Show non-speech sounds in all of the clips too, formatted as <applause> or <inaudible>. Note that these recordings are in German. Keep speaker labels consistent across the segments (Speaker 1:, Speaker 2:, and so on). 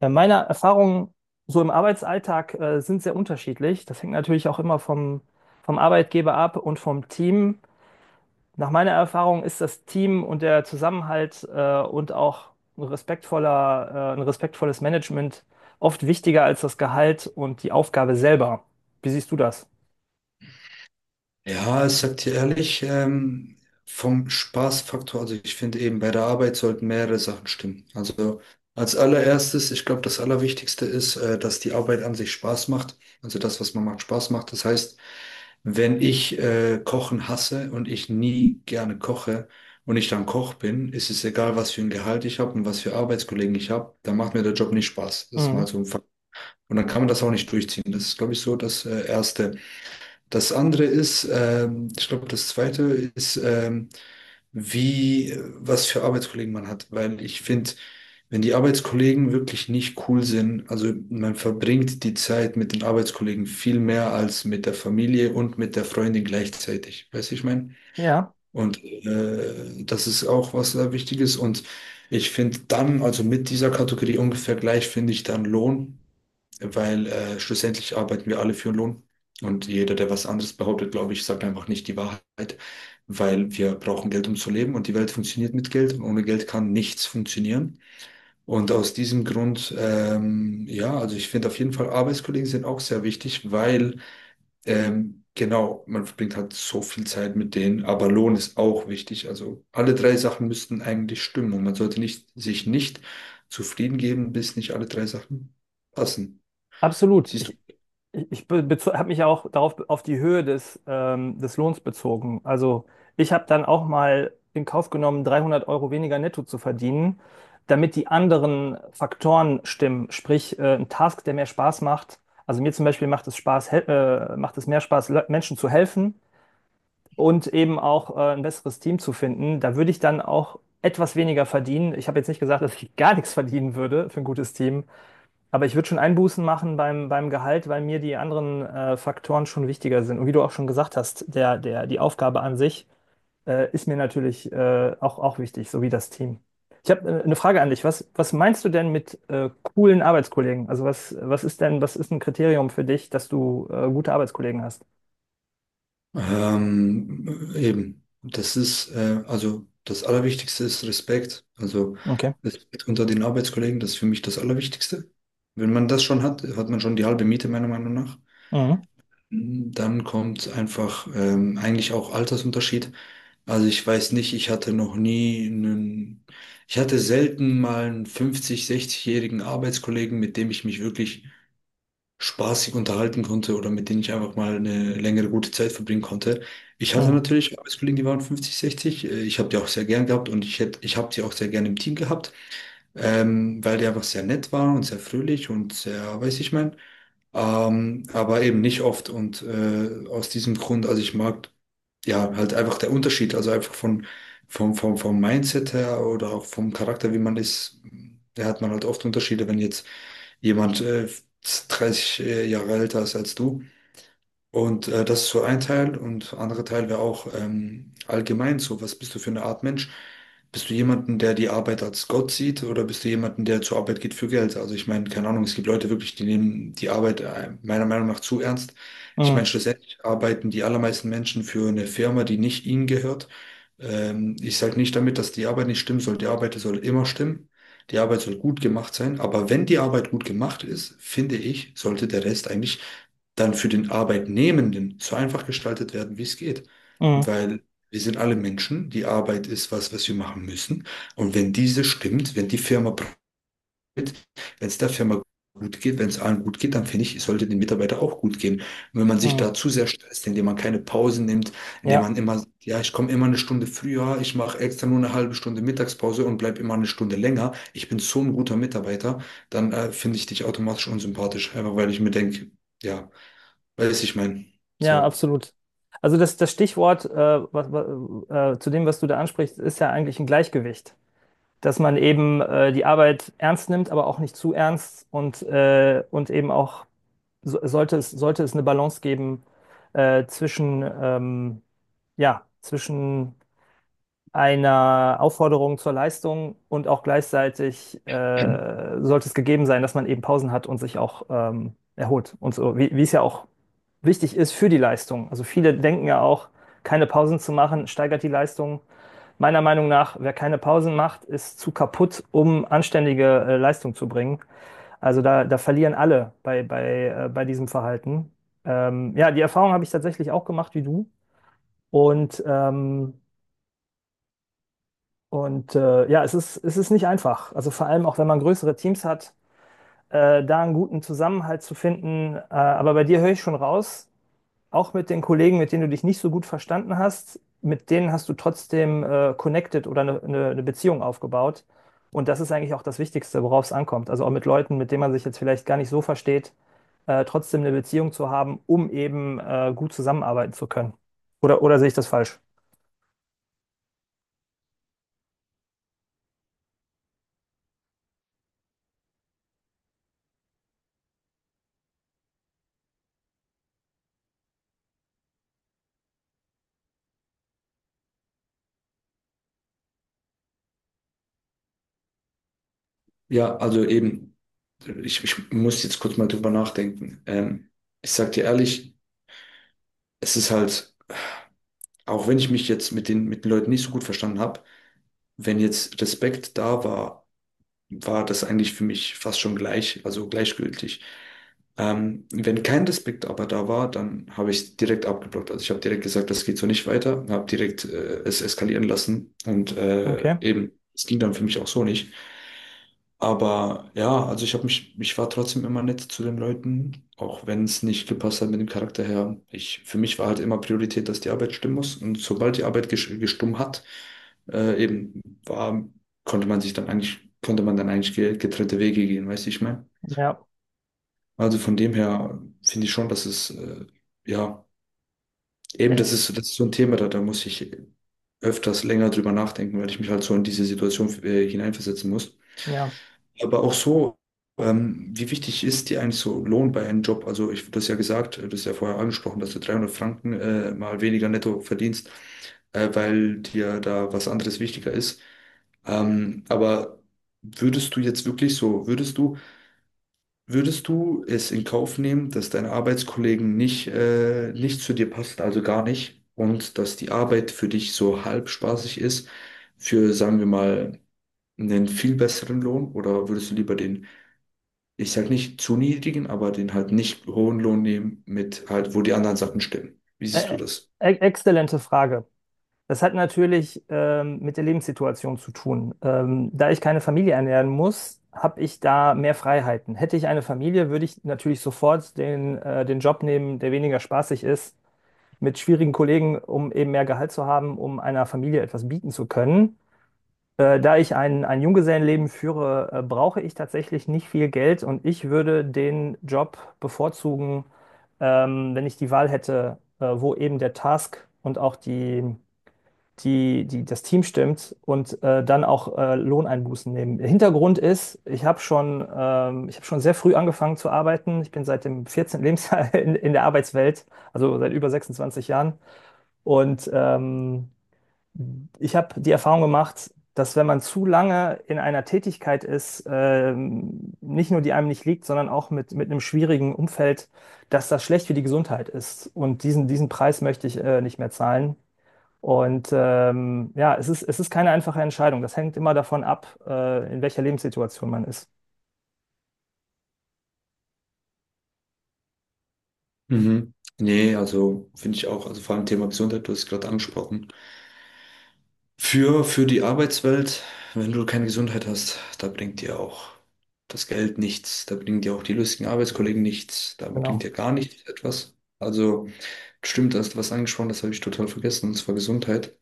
Speaker 1: Meine Erfahrungen so im Arbeitsalltag sind sehr unterschiedlich. Das hängt natürlich auch immer vom Arbeitgeber ab und vom Team. Nach meiner Erfahrung ist das Team und der Zusammenhalt und auch ein respektvolles Management oft wichtiger als das Gehalt und die Aufgabe selber. Wie siehst du das?
Speaker 2: Ja, ich sag dir ehrlich, vom Spaßfaktor, also ich finde eben bei der Arbeit sollten mehrere Sachen stimmen. Also als allererstes, ich glaube, das Allerwichtigste ist, dass die Arbeit an sich Spaß macht. Also das, was man macht, Spaß macht. Das heißt, wenn ich Kochen hasse und ich nie gerne koche und ich dann Koch bin, ist es egal, was für ein Gehalt ich habe und was für Arbeitskollegen ich habe, dann macht mir der Job nicht Spaß. Das ist
Speaker 1: Mhm.
Speaker 2: mal so ein Fakt. Und dann kann man das auch nicht durchziehen. Das ist, glaube ich, so das Erste. Das andere ist, ich glaube, das zweite ist, wie, was für Arbeitskollegen man hat. Weil ich finde, wenn die Arbeitskollegen wirklich nicht cool sind, also man verbringt die Zeit mit den Arbeitskollegen viel mehr als mit der Familie und mit der Freundin gleichzeitig. Weißt du, ich meine?
Speaker 1: Ja,
Speaker 2: Und das ist auch was sehr Wichtiges. Und ich finde dann, also mit dieser Kategorie ungefähr gleich, finde ich dann Lohn, weil schlussendlich arbeiten wir alle für Lohn. Und jeder, der was anderes behauptet, glaube ich, sagt einfach nicht die Wahrheit, weil wir brauchen Geld, um zu leben. Und die Welt funktioniert mit Geld. Und ohne Geld kann nichts funktionieren. Und aus diesem Grund, ja, also ich finde auf jeden Fall, Arbeitskollegen sind auch sehr wichtig, weil genau, man verbringt halt so viel Zeit mit denen, aber Lohn ist auch wichtig. Also alle drei Sachen müssten eigentlich stimmen und man sollte nicht, sich nicht zufrieden geben, bis nicht alle drei Sachen passen.
Speaker 1: absolut.
Speaker 2: Siehst
Speaker 1: Ich,
Speaker 2: du?
Speaker 1: Ich, ich habe mich auch darauf auf die Höhe des Lohns bezogen. Also ich habe dann auch mal in Kauf genommen, 300 € weniger netto zu verdienen, damit die anderen Faktoren stimmen. Sprich, ein Task, der mehr Spaß macht. Also mir zum Beispiel macht es Spaß, macht es mehr Spaß, Menschen zu helfen und eben auch ein besseres Team zu finden. Da würde ich dann auch etwas weniger verdienen. Ich habe jetzt nicht gesagt, dass ich gar nichts verdienen würde für ein gutes Team, aber ich würde schon Einbußen machen beim Gehalt, weil mir die anderen Faktoren schon wichtiger sind. Und wie du auch schon gesagt hast, die Aufgabe an sich ist mir natürlich auch wichtig, sowie das Team. Ich habe eine Frage an dich. Was meinst du denn mit coolen Arbeitskollegen? Also was ist denn, was ist ein Kriterium für dich, dass du gute Arbeitskollegen hast?
Speaker 2: Eben. Das ist, also das Allerwichtigste ist Respekt. Also
Speaker 1: Okay.
Speaker 2: Respekt unter den Arbeitskollegen, das ist für mich das Allerwichtigste. Wenn man das schon hat, hat man schon die halbe Miete, meiner Meinung nach.
Speaker 1: Mhm.
Speaker 2: Dann kommt einfach eigentlich auch Altersunterschied. Also ich weiß nicht, ich hatte noch nie einen, ich hatte selten mal einen 50, 60-jährigen Arbeitskollegen, mit dem ich mich wirklich spaßig unterhalten konnte oder mit dem ich einfach mal eine längere gute Zeit verbringen konnte. Ich hatte
Speaker 1: Mhm.
Speaker 2: natürlich Arbeitskollegen, die waren 50, 60. Ich habe die auch sehr gern gehabt und ich habe sie auch sehr gern im Team gehabt, weil die einfach sehr nett waren und sehr fröhlich und sehr, weiß ich mein, aber eben nicht oft. Und aus diesem Grund, also ich mag ja halt einfach der Unterschied, also einfach vom Mindset her oder auch vom Charakter, wie man ist, da hat man halt oft Unterschiede, wenn jetzt jemand 30 Jahre älter ist als du. Und das ist so ein Teil und anderer Teil wäre auch allgemein so, was bist du für eine Art Mensch? Bist du jemanden, der die Arbeit als Gott sieht oder bist du jemanden, der zur Arbeit geht für Geld? Also ich meine, keine Ahnung, es gibt Leute wirklich, die nehmen die Arbeit meiner Meinung nach zu ernst. Ich meine,
Speaker 1: Mhm.
Speaker 2: schlussendlich arbeiten die allermeisten Menschen für eine Firma, die nicht ihnen gehört. Ich sage nicht damit, dass die Arbeit nicht stimmen soll. Die Arbeit soll immer stimmen. Die Arbeit soll gut gemacht sein. Aber wenn die Arbeit gut gemacht ist, finde ich, sollte der Rest eigentlich dann für den Arbeitnehmenden so einfach gestaltet werden, wie es geht.
Speaker 1: Mhm.
Speaker 2: Weil wir sind alle Menschen, die Arbeit ist was, was wir machen müssen. Und wenn diese stimmt, wenn die Firma profitiert, wenn es der Firma gut geht, wenn es allen gut geht, dann finde ich, es sollte den Mitarbeiter auch gut gehen. Und wenn man sich
Speaker 1: Mhm.
Speaker 2: da zu sehr stresst, indem man keine Pausen nimmt, indem
Speaker 1: Ja,
Speaker 2: man immer, sagt, ja, ich komme immer 1 Stunde früher, ich mache extra nur eine halbe Stunde Mittagspause und bleib immer 1 Stunde länger, ich bin so ein guter Mitarbeiter, dann finde ich dich automatisch unsympathisch, einfach weil ich mir denke, ja, weiß ich mein.
Speaker 1: ja,
Speaker 2: So.
Speaker 1: absolut. Also das Stichwort zu dem, was du da ansprichst, ist ja eigentlich ein Gleichgewicht. Dass man eben die Arbeit ernst nimmt, aber auch nicht zu ernst und und eben auch so, sollte es eine Balance geben äh, zwischen, ähm, ja, zwischen einer Aufforderung zur Leistung und auch gleichzeitig sollte es gegeben sein, dass man eben Pausen hat und sich auch erholt und so, wie es ja auch wichtig ist für die Leistung. Also viele denken ja auch, keine Pausen zu machen, steigert die Leistung. Meiner Meinung nach, wer keine Pausen macht, ist zu kaputt, um anständige Leistung zu bringen. Also da verlieren alle bei diesem Verhalten. Ja, die Erfahrung habe ich tatsächlich auch gemacht wie du. Und, ähm, und ja, es ist nicht einfach. Also vor allem auch, wenn man größere Teams hat, da einen guten Zusammenhalt zu finden. Aber bei dir höre ich schon raus, auch mit den Kollegen, mit denen du dich nicht so gut verstanden hast, mit denen hast du trotzdem connected oder eine ne Beziehung aufgebaut. Und das ist eigentlich auch das Wichtigste, worauf es ankommt. Also auch mit Leuten, mit denen man sich jetzt vielleicht gar nicht so versteht, trotzdem eine Beziehung zu haben, um eben gut zusammenarbeiten zu können. Oder sehe ich das falsch?
Speaker 2: Ja, also eben, ich muss jetzt kurz mal drüber nachdenken. Ich sag dir ehrlich, es ist halt, auch wenn ich mich jetzt mit mit den Leuten nicht so gut verstanden habe, wenn jetzt Respekt da war, war das eigentlich für mich fast schon gleich, also gleichgültig. Wenn kein Respekt aber da war, dann habe ich es direkt abgeblockt. Also ich habe direkt gesagt, das geht so nicht weiter, habe direkt es eskalieren lassen und
Speaker 1: Okay.
Speaker 2: eben, es ging dann für mich auch so nicht. Aber ja, also ich habe mich, ich war trotzdem immer nett zu den Leuten, auch wenn es nicht gepasst hat mit dem Charakter her. Ich, für mich war halt immer Priorität, dass die Arbeit stimmen muss. Und sobald die Arbeit gestummt hat, eben war, konnte man sich dann eigentlich, konnte man dann eigentlich getrennte Wege gehen, weißt du, ich meine?
Speaker 1: Ja,
Speaker 2: Also von dem her finde ich schon, dass es, ja, eben
Speaker 1: ja,
Speaker 2: das ist so ein Thema, da, da muss ich öfters länger drüber nachdenken, weil ich mich halt so in diese Situation hineinversetzen muss.
Speaker 1: ja.
Speaker 2: Aber auch so, wie wichtig ist dir eigentlich so Lohn bei einem Job? Also ich, du hast ja gesagt, das hast ja vorher angesprochen, dass du 300 Franken mal weniger netto verdienst, weil dir da was anderes wichtiger ist. Aber würdest du jetzt wirklich so, würdest du es in Kauf nehmen, dass deine Arbeitskollegen nicht, nicht zu dir passen, also gar nicht, und dass die Arbeit für dich so halb spaßig ist, für, sagen wir mal, einen viel besseren Lohn? Oder würdest du lieber den ich sag nicht zu niedrigen, aber den halt nicht hohen Lohn nehmen mit halt, wo die anderen Sachen stimmen. Wie siehst du
Speaker 1: Ä-
Speaker 2: das?
Speaker 1: Exzellente Frage. Das hat natürlich mit der Lebenssituation zu tun. Da ich keine Familie ernähren muss, habe ich da mehr Freiheiten. Hätte ich eine Familie, würde ich natürlich sofort den Job nehmen, der weniger spaßig ist, mit schwierigen Kollegen, um eben mehr Gehalt zu haben, um einer Familie etwas bieten zu können. Da ich ein Junggesellenleben führe, brauche ich tatsächlich nicht viel Geld und ich würde den Job bevorzugen, wenn ich die Wahl hätte, wo eben der Task und auch das Team stimmt und dann auch Lohneinbußen nehmen. Der Hintergrund ist, ich habe schon sehr früh angefangen zu arbeiten. Ich bin seit dem 14. Lebensjahr <laughs> in der Arbeitswelt, also seit über 26 Jahren. Und ich habe die Erfahrung gemacht, dass wenn man zu lange in einer Tätigkeit ist, nicht nur die einem nicht liegt, sondern auch mit einem schwierigen Umfeld, dass das schlecht für die Gesundheit ist. Und diesen Preis möchte ich nicht mehr zahlen. Und ja, es ist keine einfache Entscheidung. Das hängt immer davon ab, in welcher Lebenssituation man ist.
Speaker 2: Mhm. Nee, also finde ich auch, also vor allem Thema Gesundheit, du hast es gerade angesprochen. Für die Arbeitswelt, wenn du keine Gesundheit hast, da bringt dir auch das Geld nichts, da bringen dir auch die lustigen Arbeitskollegen nichts, da bringt
Speaker 1: Genau.
Speaker 2: dir gar nichts etwas. Also stimmt, da hast du was angesprochen, das habe ich total vergessen, und zwar Gesundheit.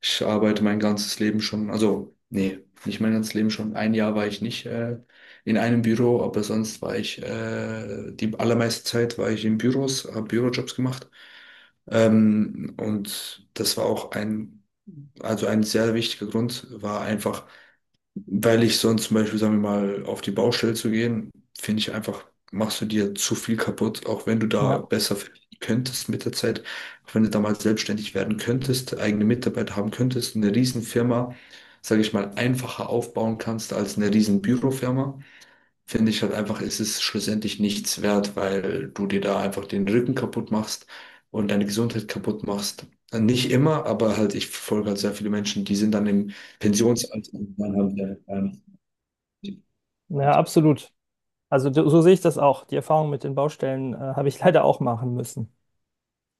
Speaker 2: Ich arbeite mein ganzes Leben schon, also nee, nicht mein ganzes Leben schon. 1 Jahr war ich nicht in einem Büro, aber sonst war ich, die allermeiste Zeit war ich in Büros, habe Bürojobs gemacht. Und das war auch ein, also ein sehr wichtiger Grund, war einfach, weil ich sonst zum Beispiel, sagen wir mal, auf die Baustelle zu gehen, finde ich einfach, machst du dir zu viel kaputt, auch wenn du da
Speaker 1: Ja,
Speaker 2: besser verdienen könntest mit der Zeit, auch wenn du da mal selbstständig werden könntest, eigene Mitarbeiter haben könntest, eine Riesenfirma, sage ich mal, einfacher aufbauen kannst als eine riesen Bürofirma, finde ich halt einfach, ist es schlussendlich nichts wert, weil du dir da einfach den Rücken kaputt machst und deine Gesundheit kaputt machst. Nicht immer, aber halt, ich verfolge halt sehr viele Menschen, die sind dann im Pensionsalter und dann haben wir ja.
Speaker 1: ja, absolut. Also so so sehe ich das auch. Die Erfahrung mit den Baustellen habe ich <laughs> leider auch machen müssen.